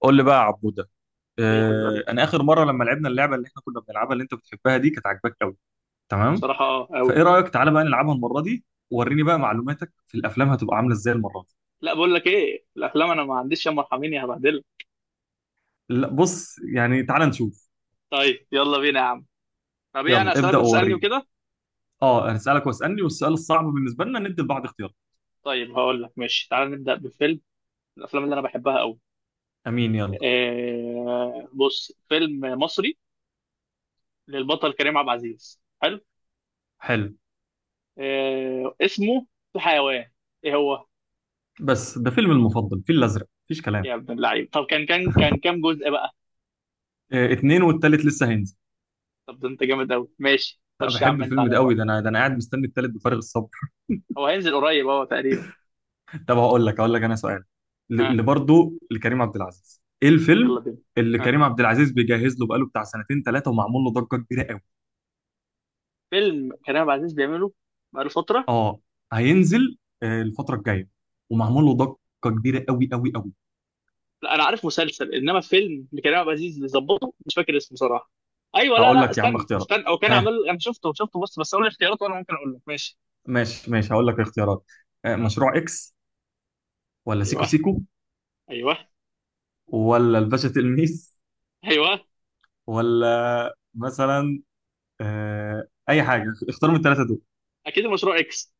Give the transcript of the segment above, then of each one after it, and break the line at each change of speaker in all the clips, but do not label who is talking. قول لي بقى يا عبوده.
ايه يا حبيب قلبي؟
انا اخر مره لما لعبنا اللعبه اللي احنا كنا بنلعبها اللي انت بتحبها دي كانت عاجباك قوي. تمام.
بصراحة أوي.
فايه رايك تعالى بقى نلعبها المره دي؟ وريني بقى معلوماتك في الافلام هتبقى عامله ازاي المره دي.
لا، بقول لك ايه، الأفلام أنا ما عنديش، يا مرحمين يا هبهدلك.
لا بص يعني تعالى نشوف.
طيب يلا بينا يا عم. طب ايه،
يلا
أنا أسألك
ابدا
وتسألني
ووريني.
وكده؟
اه انا هسالك واسالني، والسؤال الصعب بالنسبه لنا ندي لبعض اختيار.
طيب هقول لك، ماشي، تعال نبدأ بفيلم من الأفلام اللي أنا بحبها أوي.
امين يلا.
بص، فيلم مصري للبطل كريم عبد العزيز، حلو.
حلو،
آه، اسمه، في حيوان، ايه هو؟
بس ده فيلم المفضل فيل الازرق مفيش كلام.
يا ابن اللعيب، طب كان كام جزء بقى؟
اتنين والتالت لسه هينزل.
طب ده أنت جامد أوي، ماشي،
لا
خش يا
بحب
عم أنت
الفيلم ده
عليا
قوي،
بقى.
ده انا قاعد مستني التالت بفارغ الصبر.
هو هينزل قريب اهو تقريبا.
طب هقول لك انا سؤال.
ها، آه،
اللي برضه لكريم عبد العزيز، ايه الفيلم
يلا بينا.
اللي
ها،
كريم عبد العزيز بيجهز له بقاله بتاع سنتين ثلاثه، ومعمول له ضجه كبيره قوي؟
فيلم كريم عبد العزيز بيعمله بقاله فتره.
اه هينزل الفتره الجايه، ومعمول له ضجه كبيره قوي قوي قوي.
لا، انا عارف مسلسل، انما فيلم لكريم عبد العزيز بيظبطه مش فاكر اسمه صراحه. ايوه، لا
هقول
لا
لك يا عم
استنى
اختيارات.
استنى هو كان
ها
عامل، انا شفته بص، بس قول لي اختيارات وانا ممكن اقول لك ماشي.
ماشي ماشي، هقول لك الاختيارات.
آه.
مشروع اكس، ولا سيكو
ايوه،
سيكو،
ايوه،
ولا الباشا تلميذ،
ايوه،
ولا مثلا اي حاجه، اختار من الثلاثه دول.
اكيد المشروع اكس،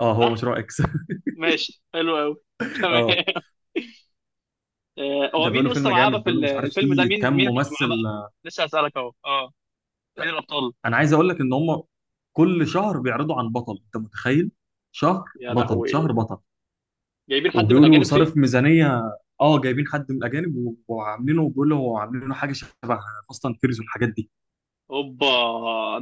اه هو
صح.
مشروع اكس.
ماشي، حلو قوي، تمام. هو
ده
مين
بيقولوا فيلم
اصلا معاه
جامد،
بقى في
بيقولوا مش عارف
الفيلم ده،
فيه
مين
كام
مين هيبقى
ممثل.
معاه بقى؟ لسه هسألك اهو، اه، مين الابطال؟
انا عايز اقول لك ان هم كل شهر بيعرضوا عن بطل، انت متخيل؟ شهر
يا
بطل شهر
لهوي،
بطل.
جايبين حد من
وبيقولوا
الاجانب
صارف
فيه؟
ميزانية. اه جايبين حد من الاجانب وعاملينه، بيقولوا عاملينه حاجة شبه فاست اند فيريز والحاجات دي.
اوبا،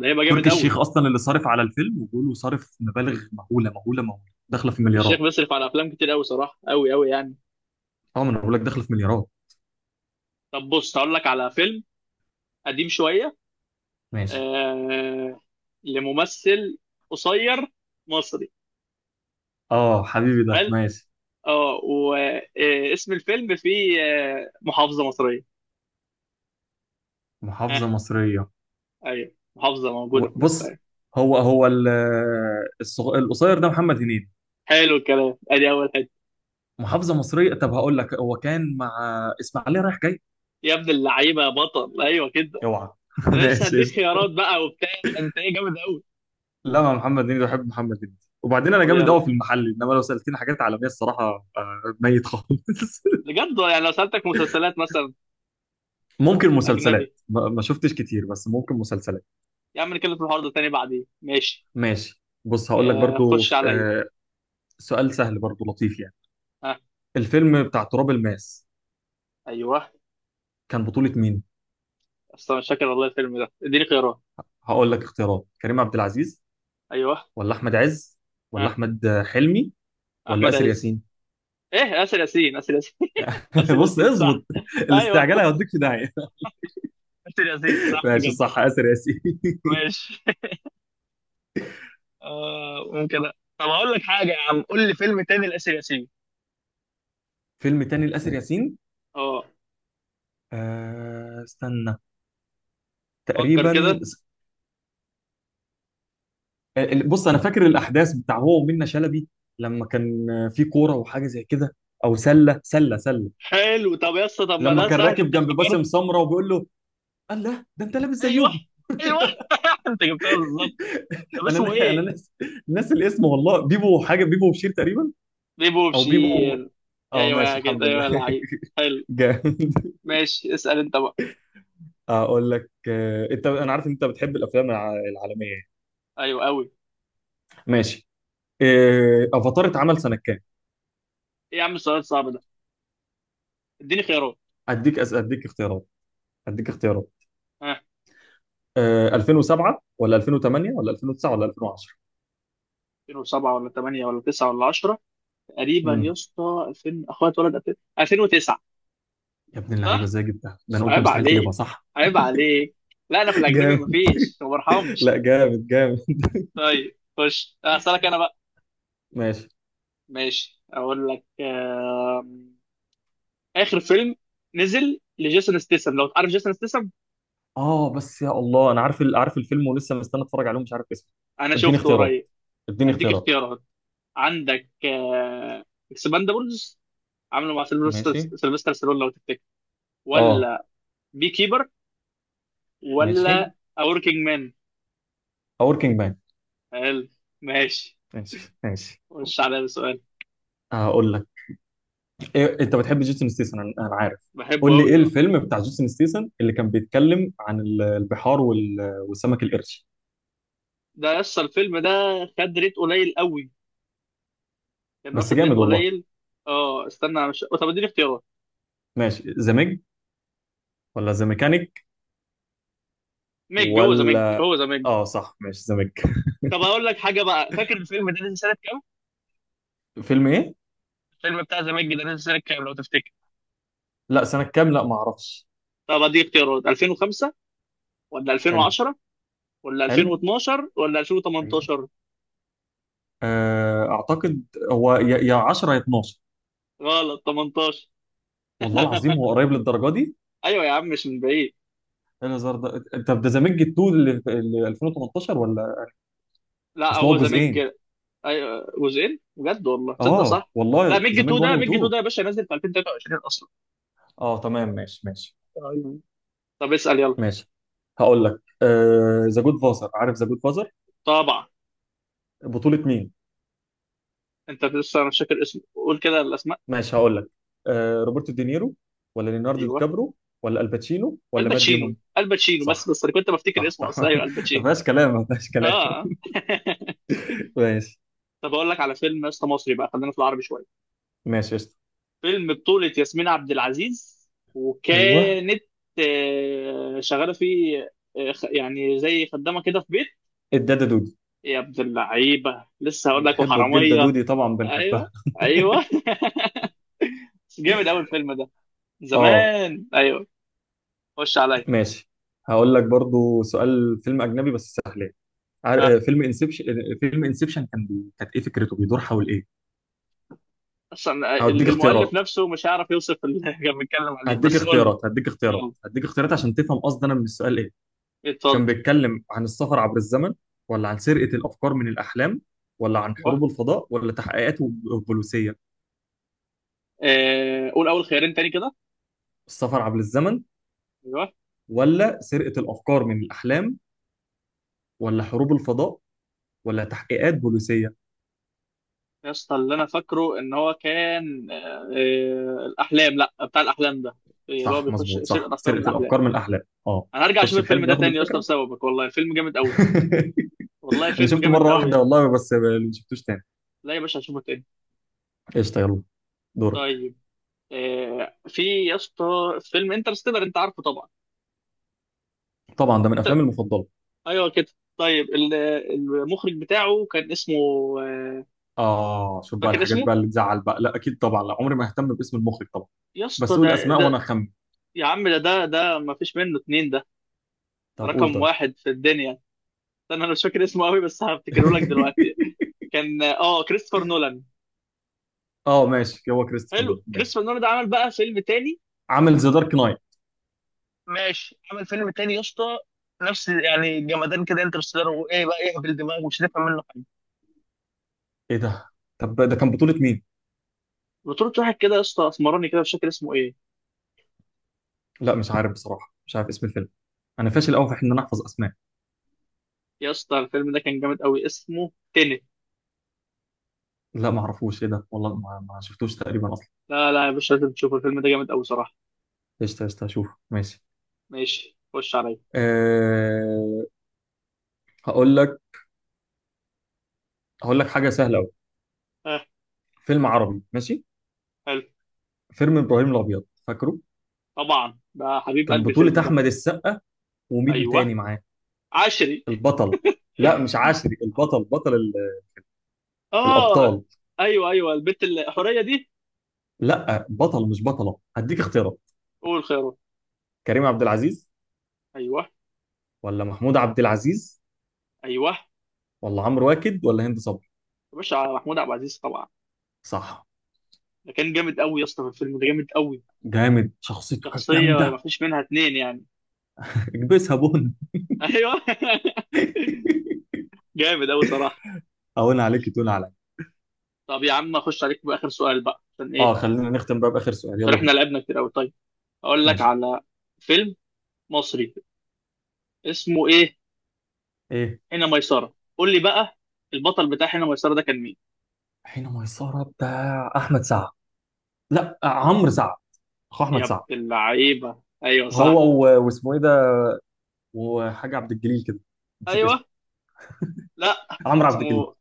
ده هيبقى
تركي
جامد
الشيخ
قوي.
اصلا اللي صارف على الفيلم، وبيقولوا صارف مبالغ مهولة مهولة مهولة، داخلة في
تركي الشيخ
مليارات.
بيصرف على افلام كتير قوي صراحه، قوي قوي يعني.
اه ما انا بقول لك داخلة في مليارات.
طب بص، هقول لك على فيلم قديم شويه،
ماشي.
آه، لممثل قصير مصري،
اه حبيبي ده
قال.
ماشي.
اه، واسم الفيلم فيه محافظه مصريه.
محافظة
اه،
مصرية.
ايوه، محافظه موجوده في مصر،
بص،
ايوه.
هو القصير ده محمد هنيدي.
حلو الكلام، ادي اول حته.
محافظه مصريه، طب هقول لك، هو كان مع اسماعيليه رايح جاي.
يا ابن اللعيبه يا بطل، ايوه كده.
اوعى
انا لسه
ماشي
هديك
قشطة.
خيارات بقى وبتاع، انت ايه جامد قوي.
لا مع محمد هنيدي، بحب محمد هنيدي. وبعدين انا
طب
جامد قوي في
يلا،
المحل، انما لو سالتني حاجات عالميه الصراحه ميت خالص.
بجد يعني، لو سالتك مسلسلات مثلا
ممكن مسلسلات،
اجنبي.
ما شفتش كتير، بس ممكن مسلسلات.
يا عم نتكلم في الحوار ده تاني بعدين، ماشي.
ماشي بص هقول لك برضو
خش عليا.
سؤال سهل برضو لطيف يعني.
ها،
الفيلم بتاع تراب الماس،
ايوه،
كان بطولة مين؟
اصلا مش فاكر والله الفيلم ده، اديني خيارات.
هقول لك اختيارات: كريم عبد العزيز،
ايوه،
ولا احمد عز،
ها،
ولا احمد حلمي، ولا
احمد
اسر
عز.
ياسين.
ايه، اسر ياسين، اسر ياسين. اسر
بص
ياسين صح،
اظبط.
ايوه.
الاستعجال هيوديك في داهيه.
اسر ياسين صح
ماشي
كده،
صح، اسر ياسين.
ماشي. آه ممكن أ- طب هقول لك حاجه يا عم، قول لي فيلم تاني لاسر ياسين.
فيلم تاني لاسر ياسين.
اه،
استنى،
فكر
تقريبا.
كده.
بص انا فاكر الاحداث بتاع هو ومنة شلبي، لما كان في كوره وحاجه زي كده، او سله سله سله.
حلو، طب يا اسطى، طب ما
لما
ده
كان
سهل،
راكب
انت
جنب
افتكرت.
باسم سمره وبيقول له: الله ده انت لابس
ايوه،
زيهم.
ايوه، انت جبتها بالظبط. طب اسمه
انا
ايه؟
ناس، ناس الاسم والله. بيبو حاجه، بيبو وبشير تقريبا،
بيبو
او بيبو.
بشير.
اه
ايوه
ماشي
يا
الحمد
كده، ايوه
لله.
يا لعيب. حلو،
جامد.
ماشي، اسال انت بقى.
اقول لك انت، انا عارف ان انت بتحب الافلام العالميه يعني.
ايوه قوي.
ماشي. افاتار اتعمل سنه كام؟
ايه يا عم السؤال الصعب ده، اديني خيارات.
اديك أس... اديك اختيارات اديك اختيارات.
ها،
2007 ولا 2008 ولا 2009 ولا 2010؟
2007 ولا 8 ولا 9 ولا 10؟ تقريبا يا
امم
اسطى، 2000، اخويا اتولد 2000، 2009.
يا ابن اللعيبه
صح.
ازاي جبتها، ده انا قلت
عيب
مستحيل تجيبها.
عليك،
صح.
عيب عليك، لا، انا في الاجنبي
جامد.
مفيش، ما برحمش.
لا جامد جامد.
طيب خش اسالك انا بقى.
ماشي.
ماشي. اقول لك اخر فيلم نزل لجيسون ستيسم، لو تعرف جيسون ستيسم.
اه بس يا الله انا عارف عارف الفيلم، ولسه مستني اتفرج عليه ومش عارف اسمه.
انا
اديني
شفته
اختيارات
قريب.
اديني
هديك
اختيارات
اختيارات، عندك، آه، اكسباندابلز، عامله مع سيلفستر
ماشي.
سيلفستر ستالون لو تفتكر،
اه
ولا بي كيبر،
ماشي،
ولا A Working Man،
وركينج مان.
قال. ماشي،
ماشي
خش عليا بسؤال.
هقول لك. إيه، انت بتحب جيسون ستيسن انا عارف.
بحبه
قول لي، ايه
قوي، اه.
الفيلم بتاع جيسون ستيسن اللي كان بيتكلم عن البحار والسمك القرش؟
ده يسطا الفيلم ده خد ريت قليل قوي، كان
بس
واخد
جامد
ريت
والله.
قليل. اه استنى، مش، طب اديني اختيارات.
ماشي، ذا ميج ولا ذا ميكانيك
ميج، هو ذا ميج،
ولا؟
هو ذا ميج.
اه صح، ماشي ذا ميج.
طب اقول لك حاجه بقى، فاكر الفيلم ده نزل سنه كام؟
فيلم ايه؟
الفيلم بتاع ذا ميج ده نزل سنه كام لو تفتكر؟
لا سنة كام، لا ما اعرفش.
طب اديك اختيارات، 2005 ولا
حلو.
2010 ولا
حلو.
2012 ولا
ايوه.
2018؟
اعتقد هو يا 10 يا 12.
غلط، 18.
والله العظيم هو قريب للدرجه دي.
ايوه يا عم، مش من بعيد.
إيه الهزار ده، انت ده ذا ميج 2 اللي 2018 ولا؟
لا،
اصل هو
هو ذا ميج.
جزئين.
ايوه جزئين، بجد والله تصدق،
اه
صح. لا،
والله،
ميج
ذا
2
ميج 1 و
ده، ميج 2
2.
ده يا باشا نازل في 2023 اصلا.
اه تمام ماشي. ماشي
ايوه. طب اسال يلا.
ماشي هقول لك، ذا جود فازر، عارف ذا جود فازر،
طبعا.
بطولة مين؟
انت لسه، انا مش فاكر اسمه، قول كده الاسماء.
ماشي هقول لك. روبرتو دينيرو، ولا ليوناردو دي
ايوه،
كابرو، ولا الباتشينو، ولا مات
الباتشينو،
ديمون؟
الباتشينو، بس
صح
بس انا كنت بفتكر
صح
اسمه
صح.
اصلا، ايوه
ما
الباتشينو.
فيهاش كلام ما فيهاش كلام.
اه.
ماشي.
طب اقول لك على فيلم يا اسطى مصري بقى، خلينا في العربي شويه.
ماشي قشطة.
فيلم بطولة ياسمين عبد العزيز،
ايوه،
وكانت شغاله فيه، يعني زي خدامه كده في بيت.
الدادا دودي.
يا ابن اللعيبه، لسه هقول لك،
بتحبه الجدة
وحراميه.
دودي طبعا،
ايوه،
بنحبها.
ايوه. بس جامد قوي الفيلم ده،
اه
زمان، ايوه. خش عليا.
ماشي. هقول لك برضو سؤال، فيلم اجنبي بس.
ها،
فيلم انسبشن، فيلم انسبشن كان كانت ايه فكرته، بيدور حول ايه؟
اصلا
هديك
المؤلف
اختيارات
نفسه مش هيعرف يوصف اللي احنا بنتكلم عليه،
هديك
بس قول لي.
اختيارات هديك اختيارات
يلا،
هديك اختيارات عشان تفهم قصدي انا من السؤال ايه.
اتفضل.
كان بيتكلم عن السفر عبر الزمن، ولا عن سرقة الافكار من الاحلام، ولا عن
ايوه.
حروب الفضاء، ولا تحقيقات بوليسية؟
آه، قول اول خيارين تاني كده.
السفر عبر الزمن،
ايوه.
ولا سرقة الافكار من الاحلام، ولا حروب الفضاء، ولا تحقيقات بوليسية؟
يا اسطى، اللي انا فاكره ان هو كان، الاحلام، لا، بتاع الاحلام ده، اللي هو
صح
بيخش
مظبوط،
سرقه
صح،
افكار من
سرقة
الاحلام.
الافكار من الاحلام. اه،
انا هرجع
خش
اشوف الفيلم
الحلم
ده
ياخد
تاني يا اسطى
الفكرة.
بسببك، والله فيلم جامد قوي. والله
انا
فيلم
شفته
جامد
مرة
قوي
واحدة
يعني.
والله، بس ما شفتوش تاني.
لا يا باشا، هشوفه تاني.
قشطة يلا، دورك.
طيب، في يا اسطى فيلم انترستيلر، انت عارفه طبعا.
طبعا ده من
انت،
افلامي المفضله.
ايوه كده. طيب المخرج بتاعه كان اسمه، آه،
اه شوف بقى
فاكر
الحاجات
اسمه؟
بقى اللي تزعل بقى، لا اكيد طبعا، لا عمري ما اهتم باسم المخرج طبعا.
يا اسطى،
بس قول
ده
اسماء وانا
ده
اخمن.
يا عم ده ما فيش منه اتنين ده،
طب قول
رقم
طيب.
واحد في الدنيا. انا مش فاكر اسمه قوي، بس هفتكره لك دلوقتي. كان، كريستوفر نولان.
اه ماشي، هو كريستوفر
حلو،
نولان، ماشي.
كريستوفر نولان ده عمل بقى فيلم تاني،
عامل ذا دارك نايت.
ماشي، عمل فيلم تاني يا اسطى نفس، يعني جمدان كده، انترستيلر وايه بقى، يهبل دماغ مش هتفهم منه حاجه.
ايه ده؟ طب ده كان بطوله مين؟
بطولة واحد كده يا اسطى اسمراني كده، مش فاكر اسمه ايه.
لا مش عارف بصراحه، مش عارف اسم الفيلم. انا فاشل قوي في ان انا احفظ اسماء.
يا اسطى الفيلم ده كان جامد قوي، اسمه تنت.
لا ما اعرفوش، ايه ده والله، ما شفتوش تقريبا اصلا.
لا لا يا باشا، لازم تشوف الفيلم ده جامد قوي صراحه.
قشطه قشطه، هشوف ماشي.
ماشي، خش عليا.
أه... هقول لك هقول لك حاجه سهله قوي.
اه.
فيلم عربي، ماشي.
حلو.
فيلم ابراهيم الابيض، فاكره؟
طبعا، ده حبيب
كان
قلبي الفيلم
بطولة
ده.
أحمد السقا، ومين
ايوه،
تاني معاه،
عشري.
البطل؟ لا مش عاشري، البطل، بطل
اه،
الأبطال.
ايوه، ايوه، البت الحوريه دي.
لا بطل مش بطلة. هديك اختيارات:
قول خيره.
كريم عبد العزيز،
ايوه.
ولا محمود عبد العزيز،
ايوه،
ولا عمرو واكد، ولا هند صبري؟
يا باشا محمود عبد العزيز طبعا.
صح.
ده كان جامد قوي يا اسطى في الفيلم ده، جامد قوي.
جامد، شخصيته كانت
شخصيه ما
جامدة.
فيش منها اتنين يعني.
اكبسها بن.
ايوه. جامد قوي صراحه.
أهون عليك تقول عليا.
طب يا عم اخش عليك باخر سؤال بقى، عشان
اه
ايه،
خلينا نختم بقى بآخر سؤال،
عشان
يلا
احنا
بينا.
لعبنا كتير قوي. اقول لك
ماشي.
على فيلم مصري، اسمه ايه؟
ايه،
هنا ميسرة، قول لي بقى البطل بتاع هنا ميسرة ده كان مين؟
حين ميسرة بتاع أحمد سعد، لا عمرو سعد، أخو أحمد
يا ابن
سعد.
اللعيبة، ايوه
هو
صح.
واسمه ايه ده، وحاجة عبد الجليل كده، نسيت اسمه.
ايوه. لا،
عمرو عبد الجليل
اسمه.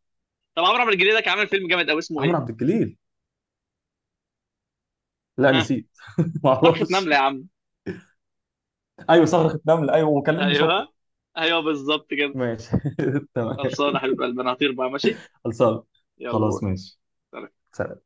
طب عمرو عبد الجليل ده كان عامل فيلم جامد قوي، اسمه
عمرو عبد
ايه؟
الجليل لا
ها،
نسيت. ما
صرخة
اعرفش.
نملة يا عم.
ايوه صرخة نمل، ايوه، وكلمني شكرا.
ايوه. ايوه، بالظبط كده.
ماشي. تمام.
خلصانه يا حبيب قلبي، انا هطير بقى، ماشي.
خلصان.
يلا،
خلاص ماشي.
باي.
سلام.